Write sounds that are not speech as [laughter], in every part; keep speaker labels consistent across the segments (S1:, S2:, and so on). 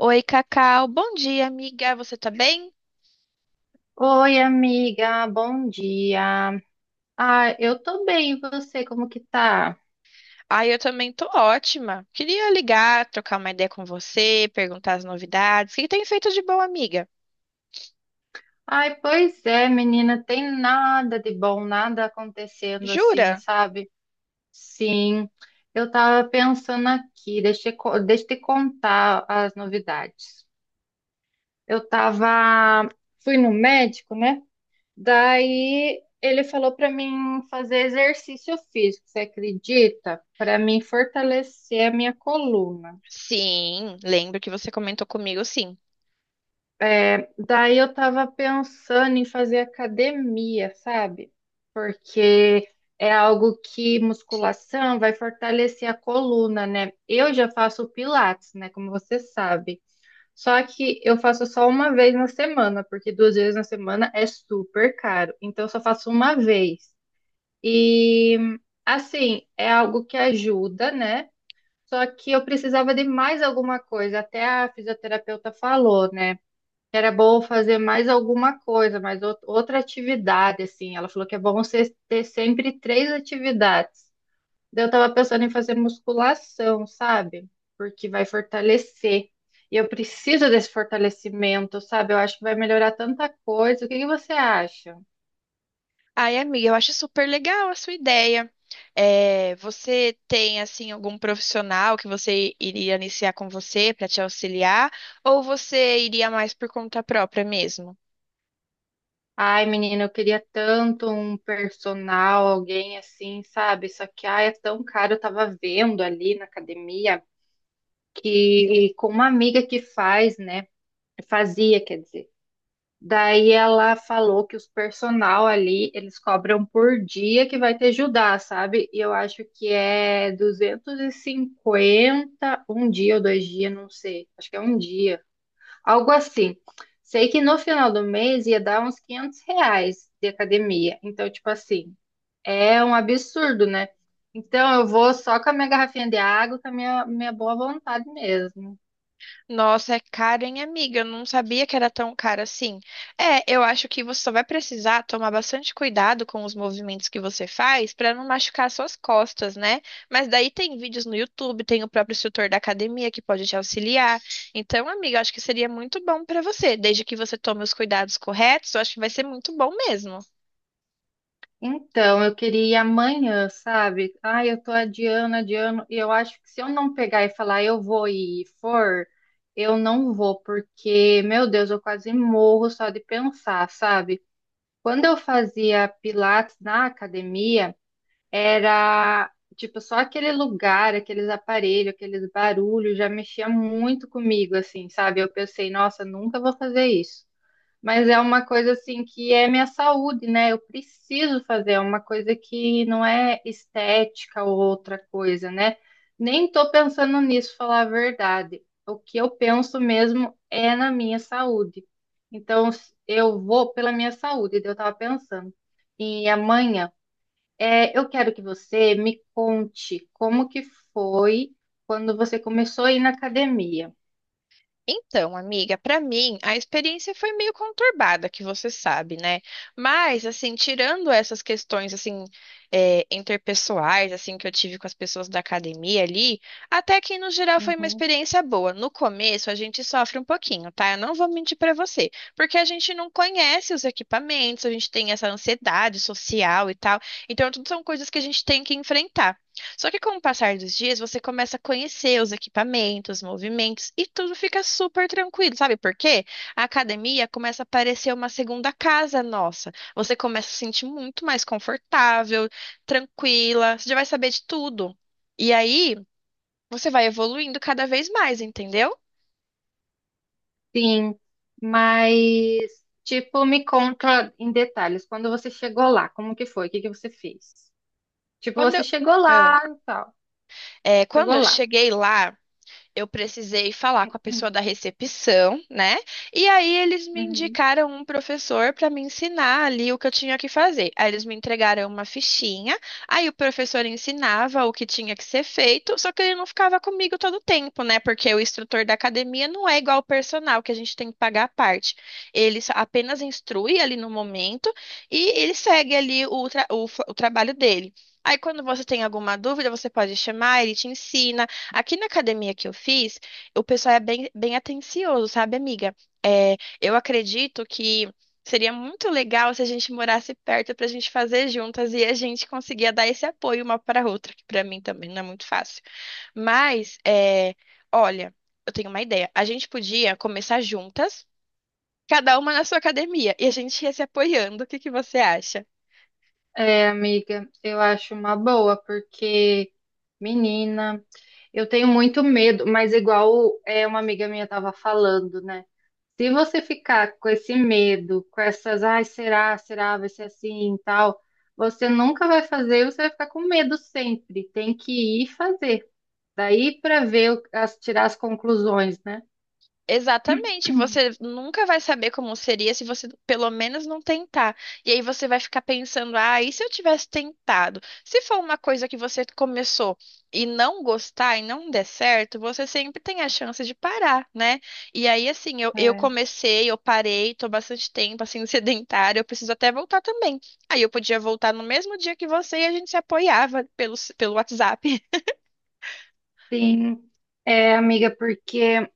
S1: Oi, Cacau. Bom dia, amiga. Você tá bem?
S2: Oi, amiga, bom dia. Eu tô bem, e você, como que tá?
S1: Ah, eu também tô ótima. Queria ligar, trocar uma ideia com você, perguntar as novidades. O que tem feito de bom, amiga?
S2: Ai, pois é, menina, tem nada de bom, nada acontecendo assim,
S1: Jura?
S2: sabe? Sim, eu tava pensando aqui, deixa eu te contar as novidades. Eu tava, fui no médico, né? Daí ele falou pra mim fazer exercício físico, você acredita? Pra mim fortalecer a minha coluna.
S1: Sim, lembro que você comentou comigo, sim.
S2: É, daí eu tava pensando em fazer academia, sabe? Porque é algo que musculação vai fortalecer a coluna, né? Eu já faço pilates, né? Como você sabe. Só que eu faço só uma vez na semana, porque duas vezes na semana é super caro. Então eu só faço uma vez. E assim, é algo que ajuda, né? Só que eu precisava de mais alguma coisa. Até a fisioterapeuta falou, né? Era bom fazer mais alguma coisa, outra atividade, assim. Ela falou que é bom você ter sempre três atividades. Daí eu tava pensando em fazer musculação, sabe? Porque vai fortalecer. E eu preciso desse fortalecimento, sabe? Eu acho que vai melhorar tanta coisa. O que que você acha?
S1: Ai, amiga, eu acho super legal a sua ideia. É, você tem, assim, algum profissional que você iria iniciar com você para te auxiliar? Ou você iria mais por conta própria mesmo?
S2: Ai, menina, eu queria tanto um personal, alguém assim, sabe? Só que, ai, é tão caro. Eu tava vendo ali na academia que com uma amiga que faz, né? Fazia, quer dizer. Daí ela falou que os personal ali, eles cobram por dia que vai ter Judá, sabe? E eu acho que é 250 um dia ou dois dias, não sei. Acho que é um dia, algo assim. Sei que no final do mês ia dar uns R$ 500 de academia. Então, tipo assim, é um absurdo, né? Então, eu vou só com a minha garrafinha de água, com a minha boa vontade mesmo.
S1: Nossa, é caro, hein, amiga? Eu não sabia que era tão caro assim. É, eu acho que você só vai precisar tomar bastante cuidado com os movimentos que você faz para não machucar suas costas, né? Mas daí tem vídeos no YouTube, tem o próprio instrutor da academia que pode te auxiliar. Então, amiga, eu acho que seria muito bom para você, desde que você tome os cuidados corretos, eu acho que vai ser muito bom mesmo.
S2: Então, eu queria ir amanhã, sabe? Ai, eu tô adiando, adiando, e eu acho que se eu não pegar e falar eu vou e for, eu não vou, porque, meu Deus, eu quase morro só de pensar, sabe? Quando eu fazia pilates na academia, era tipo só aquele lugar, aqueles aparelhos, aqueles barulhos, já mexia muito comigo, assim, sabe? Eu pensei, nossa, nunca vou fazer isso. Mas é uma coisa assim que é minha saúde, né? Eu preciso fazer, é uma coisa que não é estética ou outra coisa, né? Nem tô pensando nisso, falar a verdade. O que eu penso mesmo é na minha saúde. Então, eu vou pela minha saúde, daí eu tava pensando. E amanhã, eu quero que você me conte como que foi quando você começou a ir na academia.
S1: Então, amiga, pra mim a experiência foi meio conturbada, que você sabe, né? Mas assim, tirando essas questões assim interpessoais, assim que eu tive com as pessoas da academia ali, até que no geral foi uma
S2: Uhum.
S1: experiência boa. No começo a gente sofre um pouquinho, tá? Eu não vou mentir pra você, porque a gente não conhece os equipamentos, a gente tem essa ansiedade social e tal. Então, tudo são coisas que a gente tem que enfrentar. Só que com o passar dos dias, você começa a conhecer os equipamentos, os movimentos e tudo fica super tranquilo, sabe por quê? A academia começa a parecer uma segunda casa nossa. Você começa a se sentir muito mais confortável, tranquila, você já vai saber de tudo. E aí, você vai evoluindo cada vez mais, entendeu?
S2: Sim, mas tipo, me conta em detalhes, quando você chegou lá, como que foi? O que que você fez? Tipo,
S1: Quando
S2: você
S1: eu,
S2: chegou
S1: Ah.
S2: lá e tal.
S1: É, quando
S2: Chegou
S1: eu
S2: lá.
S1: cheguei lá, eu precisei falar com a pessoa da
S2: [clears throat]
S1: recepção, né? E aí eles me
S2: Uhum.
S1: indicaram um professor para me ensinar ali o que eu tinha que fazer. Aí eles me entregaram uma fichinha, aí o professor ensinava o que tinha que ser feito, só que ele não ficava comigo todo o tempo, né? Porque o instrutor da academia não é igual ao personal, que a gente tem que pagar a parte. Apenas instrui ali no momento e ele segue ali o trabalho dele. Aí, quando você tem alguma dúvida, você pode chamar, ele te ensina. Aqui na academia que eu fiz, o pessoal é bem atencioso, sabe, amiga? Eu acredito que seria muito legal se a gente morasse perto pra gente fazer juntas e a gente conseguia dar esse apoio uma para a outra, que pra mim também não é muito fácil. Mas, é, olha, eu tenho uma ideia. A gente podia começar juntas, cada uma na sua academia, e a gente ia se apoiando. O que que você acha?
S2: É, amiga, eu acho uma boa, porque, menina, eu tenho muito medo, mas igual é uma amiga minha estava falando, né? Se você ficar com esse medo, com essas, ai, será, vai ser assim e tal, você nunca vai fazer, você vai ficar com medo sempre. Tem que ir fazer. Daí para ver, tirar as conclusões, né?
S1: Exatamente, você nunca vai saber como seria se você pelo menos não tentar. E aí você vai ficar pensando, ah, e se eu tivesse tentado? Se for uma coisa que você começou e não gostar e não der certo, você sempre tem a chance de parar, né? E aí, assim, eu comecei, eu parei, tô bastante tempo, assim, [laughs] sedentária, eu preciso até voltar também. Aí eu podia voltar no mesmo dia que você e a gente se apoiava pelo WhatsApp.
S2: Sim, é, amiga, porque,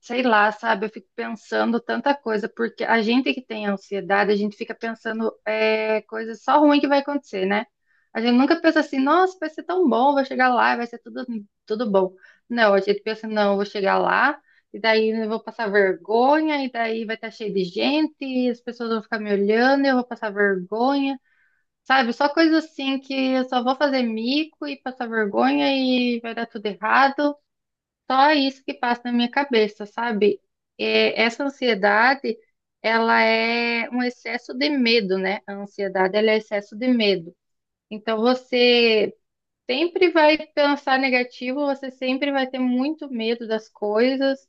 S2: sei lá, sabe, eu fico pensando tanta coisa, porque a gente que tem ansiedade, a gente fica pensando coisas só ruim que vai acontecer, né? A gente nunca pensa assim, nossa, vai ser tão bom, vou chegar lá, e vai ser tudo, tudo bom. Não, a gente pensa, não, eu vou chegar lá, e daí eu vou passar vergonha, e daí vai estar cheio de gente, e as pessoas vão ficar me olhando, e eu vou passar vergonha. Sabe, só coisa assim que eu só vou fazer mico e passar vergonha e vai dar tudo errado. Só isso que passa na minha cabeça, sabe? É, essa ansiedade, ela é um excesso de medo, né? A ansiedade, ela é excesso de medo. Então, você sempre vai pensar negativo, você sempre vai ter muito medo das coisas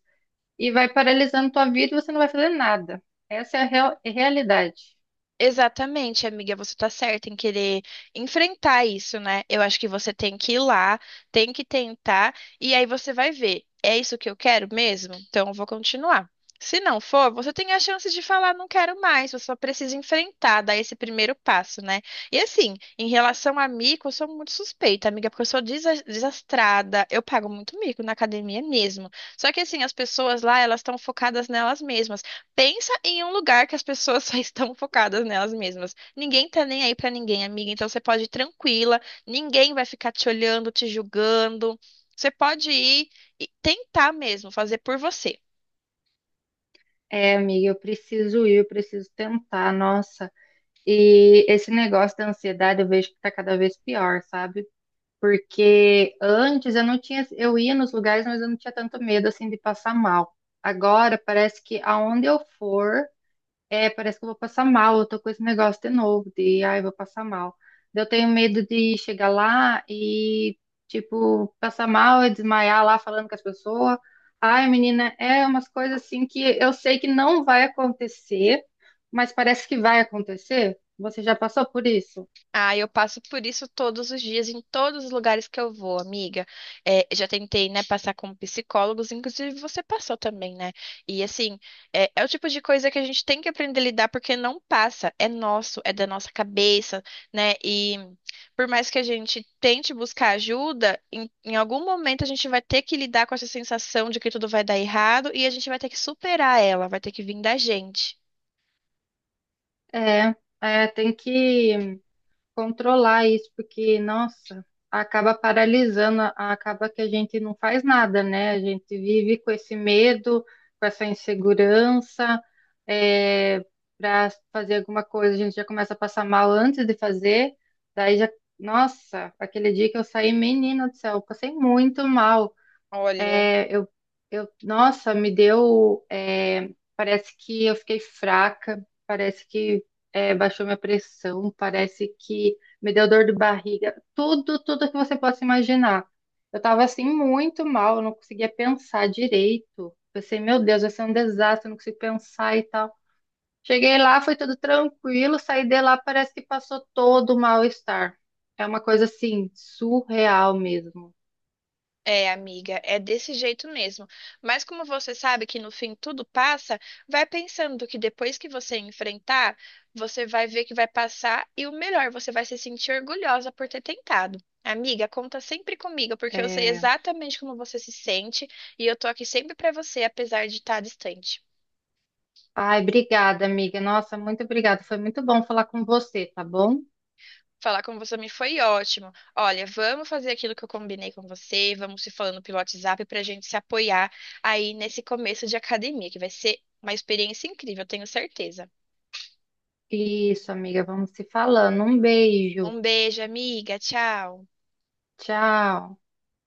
S2: e vai paralisando tua vida e você não vai fazer nada. Essa é é a realidade.
S1: Exatamente, amiga, você tá certa em querer enfrentar isso, né? Eu acho que você tem que ir lá, tem que tentar, e aí você vai ver, é isso que eu quero mesmo? Então eu vou continuar. Se não for, você tem a chance de falar, não quero mais, você só precisa enfrentar, dar esse primeiro passo, né? E assim, em relação a mico, eu sou muito suspeita, amiga, porque eu sou desastrada, eu pago muito mico na academia mesmo. Só que assim, as pessoas lá, elas estão focadas nelas mesmas. Pensa em um lugar que as pessoas [laughs] só estão focadas nelas mesmas. Ninguém tá nem aí pra ninguém, amiga. Então você pode ir tranquila, ninguém vai ficar te olhando, te julgando. Você pode ir e tentar mesmo fazer por você.
S2: É, amiga, eu preciso ir, eu preciso tentar, nossa. E esse negócio da ansiedade eu vejo que tá cada vez pior, sabe? Porque antes eu não tinha, eu ia nos lugares, mas eu não tinha tanto medo assim de passar mal. Agora parece que aonde eu for, parece que eu vou passar mal. Eu tô com esse negócio de novo, de ai, vou passar mal. Eu tenho medo de chegar lá e tipo passar mal e desmaiar lá falando com as pessoas. Ai, menina, é umas coisas assim que eu sei que não vai acontecer, mas parece que vai acontecer. Você já passou por isso?
S1: Ah, eu passo por isso todos os dias, em todos os lugares que eu vou, amiga. É, já tentei, né, passar com psicólogos, inclusive você passou também, né? E assim, é o tipo de coisa que a gente tem que aprender a lidar, porque não passa, é nosso, é da nossa cabeça, né? E por mais que a gente tente buscar ajuda, em algum momento a gente vai ter que lidar com essa sensação de que tudo vai dar errado e a gente vai ter que superar ela, vai ter que vir da gente.
S2: É, é, tem que controlar isso, porque, nossa, acaba paralisando, acaba que a gente não faz nada, né? A gente vive com esse medo, com essa insegurança, para fazer alguma coisa, a gente já começa a passar mal antes de fazer, daí já, nossa, aquele dia que eu saí, menina do céu, eu passei muito mal.
S1: Olha.
S2: É, eu, eu, nossa, parece que eu fiquei fraca, parece que baixou minha pressão, parece que me deu dor de barriga, tudo, tudo que você possa imaginar. Eu tava assim muito mal, eu não conseguia pensar direito. Pensei, meu Deus, vai ser um desastre, eu não consigo pensar e tal. Cheguei lá, foi tudo tranquilo, saí de lá, parece que passou todo o mal-estar. É uma coisa assim, surreal mesmo.
S1: É, amiga, é desse jeito mesmo. Mas como você sabe que no fim tudo passa, vai pensando que depois que você enfrentar, você vai ver que vai passar e o melhor, você vai se sentir orgulhosa por ter tentado. Amiga, conta sempre comigo, porque eu sei
S2: É,
S1: exatamente como você se sente e eu tô aqui sempre pra você, apesar de estar distante.
S2: Ai, obrigada, amiga. Nossa, muito obrigada. Foi muito bom falar com você, tá bom?
S1: Falar com você me foi ótimo. Olha, vamos fazer aquilo que eu combinei com você, vamos se falando pelo WhatsApp para a gente se apoiar aí nesse começo de academia, que vai ser uma experiência incrível, eu tenho certeza.
S2: Isso, amiga. Vamos se falando. Um beijo.
S1: Um beijo, amiga. Tchau.
S2: Tchau.